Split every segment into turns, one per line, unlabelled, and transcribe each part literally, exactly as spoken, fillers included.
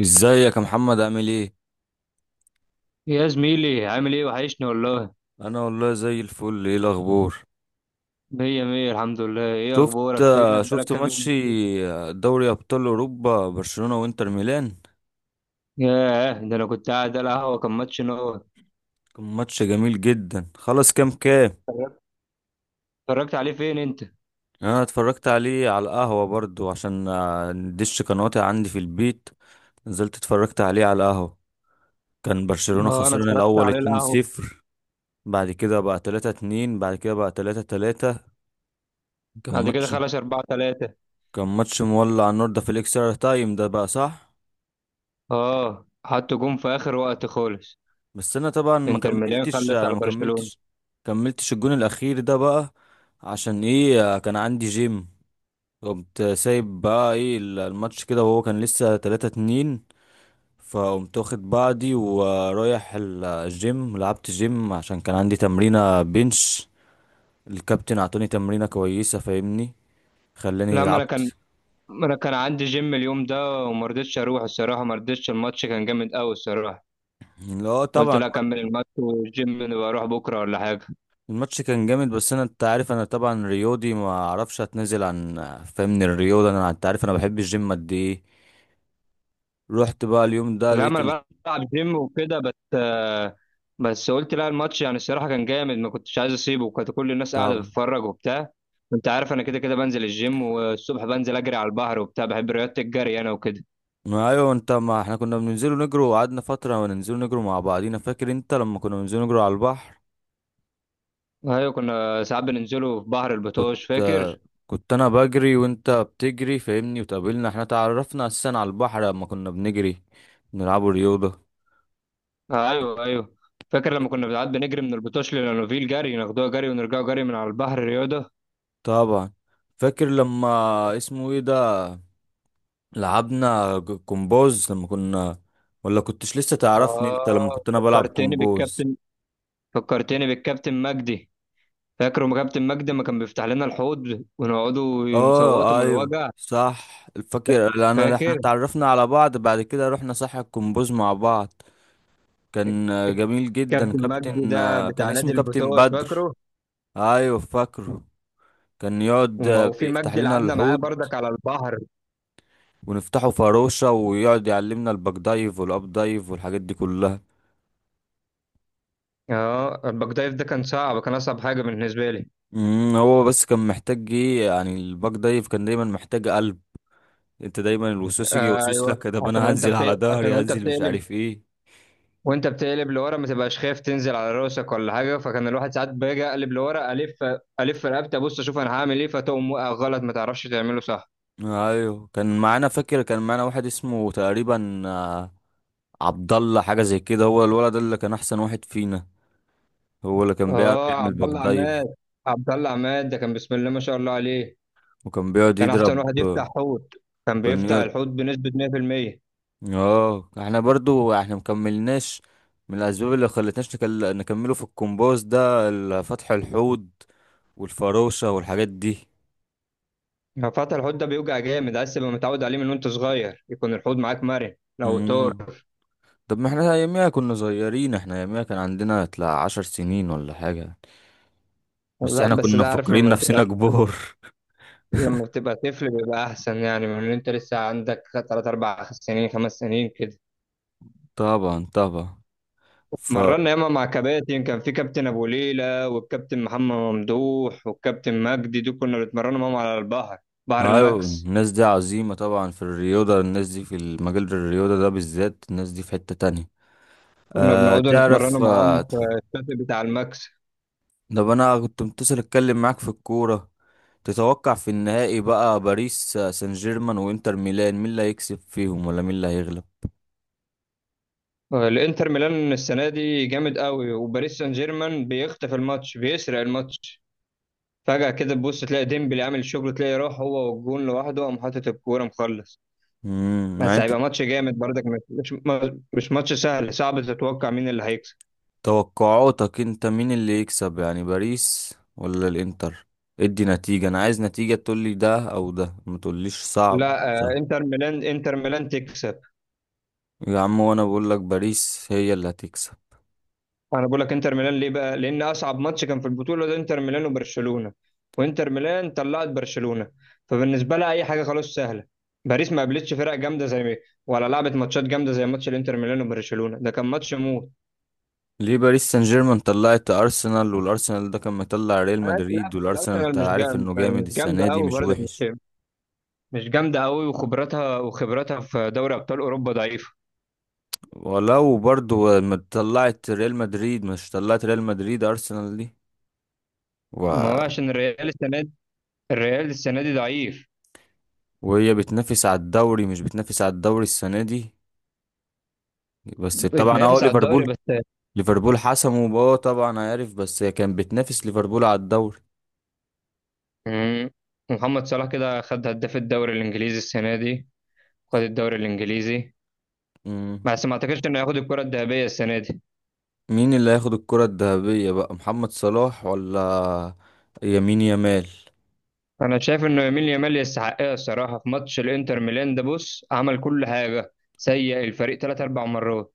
ازيك يا محمد؟ عامل ايه؟
يا زميلي، عامل ايه؟ وحشني والله.
انا والله زي الفل. ايه الاخبار؟
مية مية، الحمد لله. ايه
شفت
اخبارك؟ فينك بقالك
شفت
كام
ماتش.
يوم مختفي؟
آه، دوري ابطال اوروبا، برشلونة وانتر ميلان.
ياه، ده انا كنت قاعد على القهوة، كان ماتش نور.
كان ماتش جميل جدا. خلاص، كام كام؟
اتفرجت اتفرجت عليه فين انت؟
انا اتفرجت عليه على القهوة برضو، عشان آه، الدش كان قاطع عندي في البيت. نزلت اتفرجت عليه على القهوة. كان برشلونة
اه، انا
خسران
اتفرجت
الاول
عليه القهوة.
اتنين صفر، بعد كده بقى تلاته اتنين، بعد كده بقى ثلاثة ثلاثة. كان
بعد كده
ماتش
خلص اربعة تلاتة.
كان ماتش مولع النور ده، في الاكسترا تايم ده بقى، صح.
اه، حط جون في اخر وقت خالص.
بس انا طبعا ما
انتر ميلان
كملتش
خلص على
ما
برشلونة.
كملتش كملتش الجون الاخير ده بقى. عشان ايه؟ كان عندي جيم. قمت سايب بقى ايه الماتش كده، وهو كان لسه تلاته اتنين. فقمت واخد بعضي ورايح ال- الجيم، لعبت جيم عشان كان عندي تمرينة بنش. الكابتن اعطاني تمرينة كويسة، فاهمني، خلاني
لا ما انا كان
لعبت.
ما انا كان عندي جيم اليوم ده، وما رضيتش اروح الصراحة، ما رضيتش. الماتش كان جامد قوي الصراحة.
لا
قلت
طبعا.
لا، اكمل الماتش، والجيم نبقى اروح بكرة ولا حاجة.
الماتش كان جامد، بس انا انت عارف انا طبعا رياضي، ما اعرفش اتنازل عن، فاهمني، الرياضه. انا انت عارف انا بحب الجيم قد ايه. رحت بقى اليوم ده
لا،
لقيت
ما
ال-
انا بلعب جيم وكده، بس آه، بس قلت لا، الماتش يعني الصراحه كان جامد، ما كنتش عايز اسيبه، وكانت كل الناس قاعده
طبعا.
بتتفرج وبتاع. انت عارف انا كده كده بنزل الجيم، والصبح بنزل اجري على البحر وبتاع. بحب رياضه الجري انا وكده.
ما ايوه انت، ما احنا كنا بننزلوا نجروا وقعدنا فترة وننزلوا نجروا مع بعضينا، فاكر انت لما كنا بننزلوا نجروا على البحر؟
ايوه، كنا ساعات بننزلوا في بحر
كنت
البطوش،
آه،
فاكر؟
كنت انا بجري وانت بتجري، فاهمني، وتقابلنا. احنا تعرفنا اساسا على البحر لما كنا بنجري، بنلعبوا رياضة.
آه، ايوه ايوه. فاكر لما كنا ساعات بنجري من البطوش للانوفيل جري، ناخدوها جري ونرجعوا جري من على البحر رياضه.
طبعا. فاكر لما اسمه ايه ده، لعبنا ج- كومبوز لما كنا، ولا كنتش لسه تعرفني انت لما
اه،
كنت انا بلعب
فكرتني
كومبوز؟
بالكابتن. فكرتني بالكابتن مجدي. فاكر ما كابتن مجدي ما كان بيفتح لنا الحوض، ونقعدوا نصوتوا
اه
من
ايوه
الوجع؟
صح الفكر، لان احنا
فاكر
اتعرفنا على بعض بعد كده رحنا ساحة الكومبوز مع بعض. كان آه، جميل جدا
كابتن مجدي
كابتن،
ده
آه، كان
بتاع
اسمه
نادي
كابتن
البتوش،
بدر.
فاكره؟
ايوه فاكره. كان يقعد
وما
آه،
وفي
بيفتح
مجدي
لنا
لعبنا معاه
الحوض،
بردك على البحر.
ونفتحه فروشة، ويقعد يعلمنا الباك دايف والاب دايف والحاجات دي كلها.
اه، الباك دايف ده كان صعب، كان اصعب حاجه بالنسبه لي.
امم هو بس كان محتاج ايه يعني؟ الباك دايف كان دايما محتاج قلب. انت دايما الوسوس يجي
آه
يوسوس
ايوه،
لك، ده
عشان
انا
وانت
هنزل
بت...
على
عشان
ظهري،
وانت
هنزل مش
بتقلب،
عارف ايه.
وانت بتقلب لورا ما تبقاش خايف تنزل على راسك ولا حاجه، فكان الواحد ساعات باجي اقلب لورا الف الف رقبتي، ابص اشوف انا هعمل ايه، فتقوم واقع غلط، ما تعرفش تعمله صح.
ايوه كان معانا، فاكر كان معانا واحد اسمه تقريبا آه، عبد الله، حاجه زي كده. هو الولد ده اللي كان احسن واحد فينا، هو اللي كان بيعرف
اه،
يعمل
عبد
باك
الله عماد.
دايف.
عبد الله عماد ده كان بسم الله ما شاء الله عليه.
وكان بيقعد
كان احسن
يضرب،
واحد يفتح حوت، كان
وكان
بيفتح
يقعد.
الحوت بنسبة مية في المية.
اه احنا برضو احنا مكملناش. من الاسباب اللي خلتناش نكل... نكمله في الكومبوز ده، ال- فتح الحوض والفروشه والحاجات دي.
لو فتح الحوت ده بيوجع جامد، عايز تبقى متعود عليه من وانت صغير، يكون الحوت معاك مرن لو طار.
امم. طب ما احنا اياميها كنا صغيرين، احنا اياميها كان عندنا تلا عشر سنين ولا حاجه. بس
لا
احنا
بس
كنا
ده عارف
مفكرين
لما بتبقى
نفسنا كبار.
لما بتبقى طفل بيبقى احسن، يعني من ان انت لسه عندك تلات اربع سنين خمس سنين كده.
طبعا طبعا. ف
مرنا ياما مع كباتن، كان في كابتن ابو ليلى، والكابتن محمد ممدوح، والكابتن مجدي، دول كنا بنتمرنوا معاهم على البحر، بحر
أيوة،
الماكس.
الناس دي عظيمة طبعا في الرياضة. الناس دي في المجال الرياضة ده بالذات، الناس دي في حتة تانية.
كنا
أه
بنقعدوا
تعرف،
نتمرنوا معاهم
آه،
في الشاطئ بتاع الماكس.
طب أنا كنت متصل أتكلم معاك في الكورة. تتوقع في النهائي بقى، باريس آه، سان جيرمان وإنتر ميلان، مين اللي هيكسب فيهم ولا مين اللي هيغلب؟
الانتر ميلان السنه دي جامد قوي، وباريس سان جيرمان بيخطف الماتش، بيسرق الماتش. فجاه كده تبص تلاقي ديمبلي عامل شغل، تلاقي راح هو والجون لوحده، قام حاطط الكوره، مخلص.
امم يعني
بس
أنت
هيبقى ماتش جامد برضك. مش مش ماتش سهل، صعب تتوقع مين اللي هيكسب.
توقعاتك أنت، مين اللي يكسب يعني، باريس ولا الإنتر؟ ادي نتيجة، أنا عايز نتيجة، تقولي ده أو ده، ما تقوليش صعب.
لا آه، انتر ميلان. انتر ميلان تكسب.
يا عم وانا بقول لك باريس هي اللي هتكسب.
انا بقول لك انتر ميلان ليه بقى؟ لان اصعب ماتش كان في البطوله ده انتر ميلان وبرشلونه، وانتر ميلان طلعت برشلونه، فبالنسبه لها اي حاجه خلاص سهله. باريس ما قابلتش فرق جامده زي ما ولا لعبت ماتشات جامده زي ماتش الانتر ميلان وبرشلونه، ده كان ماتش موت.
ليه؟ باريس سان جيرمان طلعت ارسنال، والارسنال ده كان مطلع ريال
ماشي، لا
مدريد،
بس
والارسنال انت
الارسنال مش
عارف انه
جامده،
جامد
مش جامده
السنه دي،
قوي
مش
برضه
وحش.
مش مش جامده قوي، وخبراتها وخبراتها في دوري ابطال اوروبا ضعيفه.
ولو برضو ما طلعت ريال مدريد، مش طلعت ريال مدريد ارسنال دي
ما
و...
هو عشان الريال السنه دي، الريال السنه دي ضعيف.
وهي بتنافس على الدوري، مش بتنافس على الدوري السنه دي. بس طبعا اه
بتنافس على الدوري
ليفربول
بس.
ليفربول حسموا، اه طبعا عارف، بس هي كانت بتنافس ليفربول على الدوري.
مم. محمد صلاح كده خد هداف الدوري الانجليزي السنه دي، خد الدوري الانجليزي.
مم.
بس ما اعتقدش انه ياخد الكره الذهبيه السنه دي.
مين اللي هياخد الكرة الذهبية بقى، محمد صلاح ولا يمين يامال؟
انا شايف انه يمين يامال يستحقها الصراحه. في ماتش الانتر ميلان ده بص، عمل كل حاجه، سيء الفريق ثلاث اربع مرات،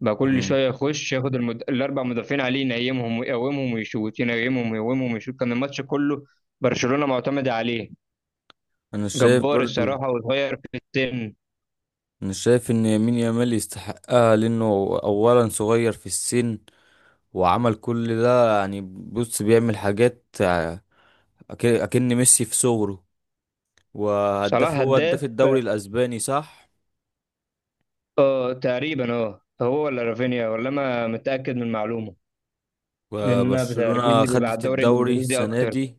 بقى كل
مم.
شويه يخش ياخد المد... الاربع مدافعين عليه ينيمهم ويقومهم ويشوت، ينيمهم ويقومهم ويشوت، كان الماتش كله برشلونه معتمده عليه.
انا شايف
جبار
برضو.
الصراحه، وصغير في السن.
انا شايف ان يمين يامال يستحقها، لانه اولا صغير في السن، وعمل كل ده، يعني بص بيعمل حاجات ع- أك- اكن ميسي في صغره.
صلاح
وهداف، هو
هداف،
هداف الدوري الاسباني صح.
اه تقريبا، اه هو ولا رافينيا، ولا انا متاكد من المعلومه، لان انا بتركيزي
وبرشلونة
بيبقى على
خدت
الدوري
الدوري
الانجليزي
السنة
اكتر.
دي.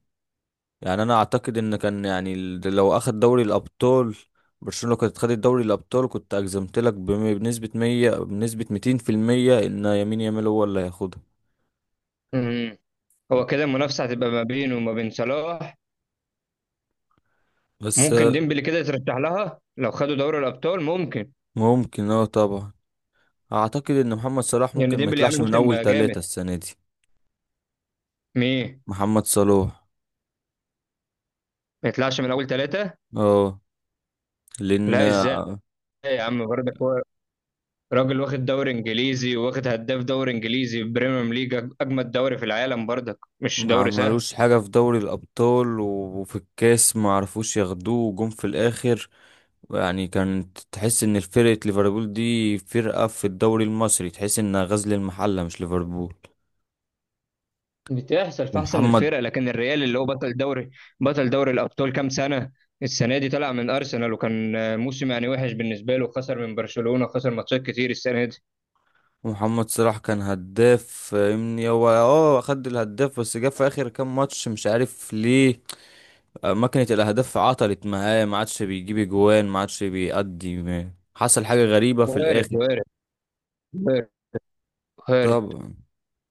يعني انا اعتقد ان كان يعني ال- لو اخد دوري الابطال، برشلونة لو كانت خدت دوري الابطال كنت اجزمت لك بم- بنسبة مية، بنسبة ميتين في المية ان يمين يامال هو اللي هياخدها.
امم هو كده المنافسه هتبقى ما بينه وما بين صلاح.
بس
ممكن
آه،
ديمبلي كده يترشح لها لو خدوا دوري الابطال، ممكن،
ممكن اه طبعا. اعتقد ان محمد صلاح
لان
ممكن ما
ديمبلي عامل
يطلعش من
موسم
اول
جامد.
ثلاثة السنة دي.
مين؟
محمد صلاح،
ما يطلعش من اول ثلاثه؟
اه، لان
لا
آه،
ازاي؟ يا عم برضك هو راجل واخد دوري انجليزي، واخد هداف دوري انجليزي بريمير ليج، اجمد دوري في العالم برضك، مش
ما
دوري سهل.
عملوش حاجة في دوري الابطال و- وفي الكاس، ما عرفوش ياخدوه، وجم في الاخر. يعني كانت تحس ان فرقة ليفربول دي فرقة في الدوري المصري، تحس انها غزل المحلة مش ليفربول.
بتحصل في احسن
ومحمد
الفرق، لكن الريال اللي هو بطل دوري، بطل دوري الابطال كام سنه، السنه دي طلع من ارسنال، وكان آه، موسم يعني وحش بالنسبه له، خسر من برشلونه، خسر ماتشات كتير السنه دي.
ومحمد صلاح كان هداف، فاهمني، هو اه خد الهداف، بس جه في اخر كام ماتش مش عارف ليه. آه، ماكينة الاهداف عطلت معاه، ما عادش بيجيب اجوان، ما عادش بيأدي، ما- حصل حاجة غريبة في
وارد،
الاخر.
وارد، وارد، وارد.
طبعا.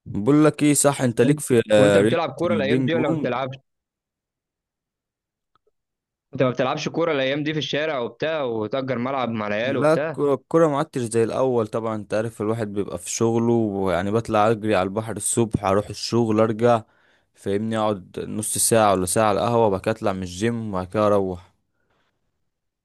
بقول لك ايه صح، انت ليك في
وانت
آه، رياضة
بتلعب كوره الايام
البينج
دي، ولا ما
بونج؟
بتلعبش؟ انت ما بتلعبش كوره الايام دي في الشارع وبتاع، وتأجر ملعب مع العيال
لا،
وبتاع؟
الكرة الكرة ما عدتش زي الأول. طبعا أنت عارف، الواحد بيبقى في شغله، ويعني بطلع أجري على البحر الصبح، أروح الشغل، أرجع، فاهمني، أقعد نص ساعة ولا ساعة على القهوة، وبعد كده أطلع من الجيم، وبعد كده أروح.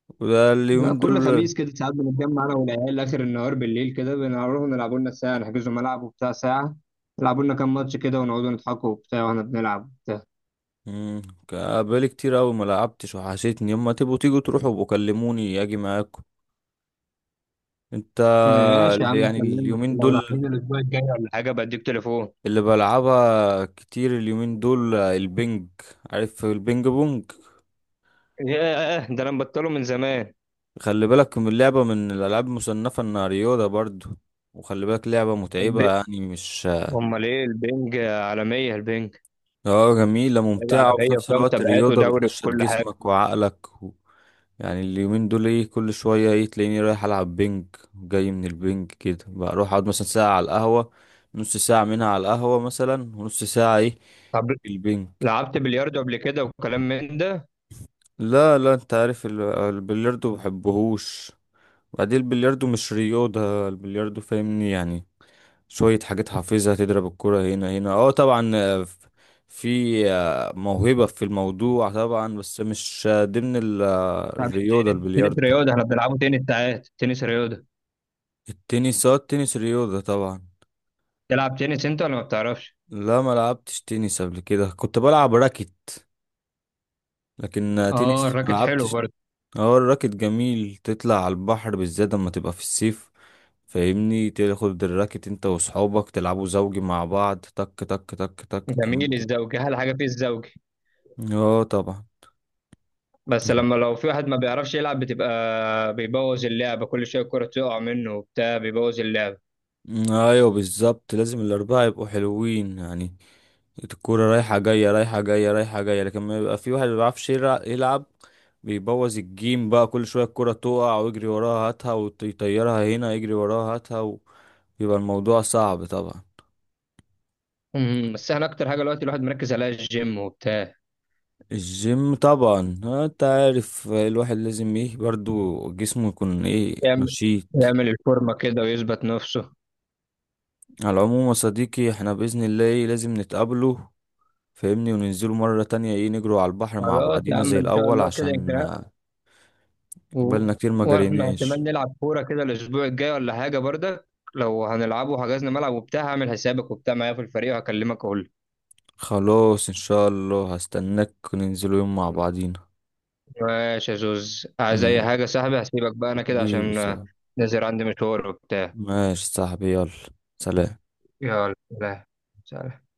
وده
لا،
اليومين
كل
دول.
خميس كده ساعات بنتجمع انا والعيال اخر النهار بالليل كده، بنروح نلعبوا لنا ساعه، نحجزوا ملعب وبتاع ساعه، يلعبوا لنا كام ماتش كده، ونقعدوا نضحكوا وبتاع واحنا بنلعب.
مم، كا- بقالي كتير أوي ما لعبتش، وحشتني، يما تبقوا تيجوا تروحوا وكلموني أجي معاكم. أنت،
ماشي يا
اللي-
عم،
يعني
كلمني
اليومين
لو رايحين
دول
الاسبوع الجاي ولا حاجه، بديك تليفون.
اللي بلعبها كتير اليومين دول، البنج، عارف البنج بونج؟
ياه، ده انا مبطله من زمان.
خلي بالك من اللعبة، من الألعاب المصنفة إنها رياضة برضو. وخلي بالك لعبة
الب-
متعبة يعني، مش...
امال ايه؟ البنج عالميه، البنج
اه جميلة
لعبه
ممتعة، وفي
عالميه،
نفس
وفيها
الوقت
مسابقات
الرياضة
ودوري
بتنشط
وكل حاجه.
جسمك وعقلك و... يعني اليومين دول ايه، كل شوية ايه تلاقيني رايح ألعب بينج. جاي من البينج كده بروح أقعد مثلا ساعة على القهوة، نص ساعة منها على القهوة مثلا ونص ساعة ايه،
طب
في البينج.
لعبت بلياردو قبل كده وكلام من ده؟
لا لا، انت عارف ال- البلياردو مبحبهوش. بعدين البلياردو مش رياضة. البلياردو فاهمني، يعني شوية حاجات حافظها، تضرب الكرة هنا هنا، اه طبعا، آه، ف- في آه، موهبة في الموضوع طبعا، بس مش آه، ضمن ال- آه،
طب
الرياضة
التنس، تنس
البلياردو.
رياضه، احنا بنلعبه تنس ساعات، تنس رياضه.
التنس اه التنس رياضة طبعا.
تلعب تنس انت ولا ما بتعرفش؟
لا ما لعبتش تنس قبل كده، كنت بلعب راكت. لكن آه،
اه،
تنس ما
الراكت حلو
لعبتش.
برضه.
اه الراكت جميل، تطلع على البحر بالذات لما تبقى في الصيف. فاهمني، تاخد الراكت انت واصحابك تلعبوا زوجي مع بعض، تك تك تك تك
جميل
كمان.
الزوجي، احلى حاجه فيه الزوجي.
اه طبعا.
بس لما لو في واحد ما بيعرفش يلعب، بتبقى بيبوظ اللعبه، كل شويه الكره تقع منه وبتاع، بيبوظ اللعبه.
ايوه بالظبط، لازم الاربعه يبقوا حلوين يعني. الكوره رايحه جايه، رايحه جايه، رايحه جايه، لكن ما يبقى في واحد ما بيعرفش يلع- يلعب. بيبوظ الجيم بقى، كل شويه الكوره تقع ويجري وراها هاتها ويطيرها هنا، يجري وراها هاتها. ويبقى الموضوع صعب طبعا.
أمم، بس احنا اكتر حاجه دلوقتي الواحد مركز عليها الجيم وبتاع.
الجيم طبعا، آه، انت عارف الواحد لازم ايه، برضو جسمه يكون ايه،
يعمل
نشيط.
يعمل الفورمه كده ويثبت نفسه.
على العموم يا صديقي، احنا بإذن الله ايه لازم نتقابله، فاهمني، وننزلوا مرة تانية ايه، نجروا على البحر مع
خلاص يا
بعضينا
عم،
زي
ان شاء
الأول،
الله كده يمكن.
عشان آه،
و...
بقالنا كتير ما
واحنا
جريناش.
احتمال نلعب كوره كده الاسبوع الجاي ولا حاجه برضك، لو هنلعبه وحجزنا ملعب وبتاع، هعمل حسابك وبتاع معايا في الفريق، وهكلمك اقول.
خلاص إن شاء الله، هستناك وننزلوا يوم مع بعضينا.
ماشي يا زوز، عايز اي
مم.
حاجه يا صاحبي؟ هسيبك بقى انا كده
حبيبي
عشان آه،
صاحبي،
نازل عندي مشوار وبتاع.
ماشي صاحبي، يلا، سلام.
يلا سلام. سلام.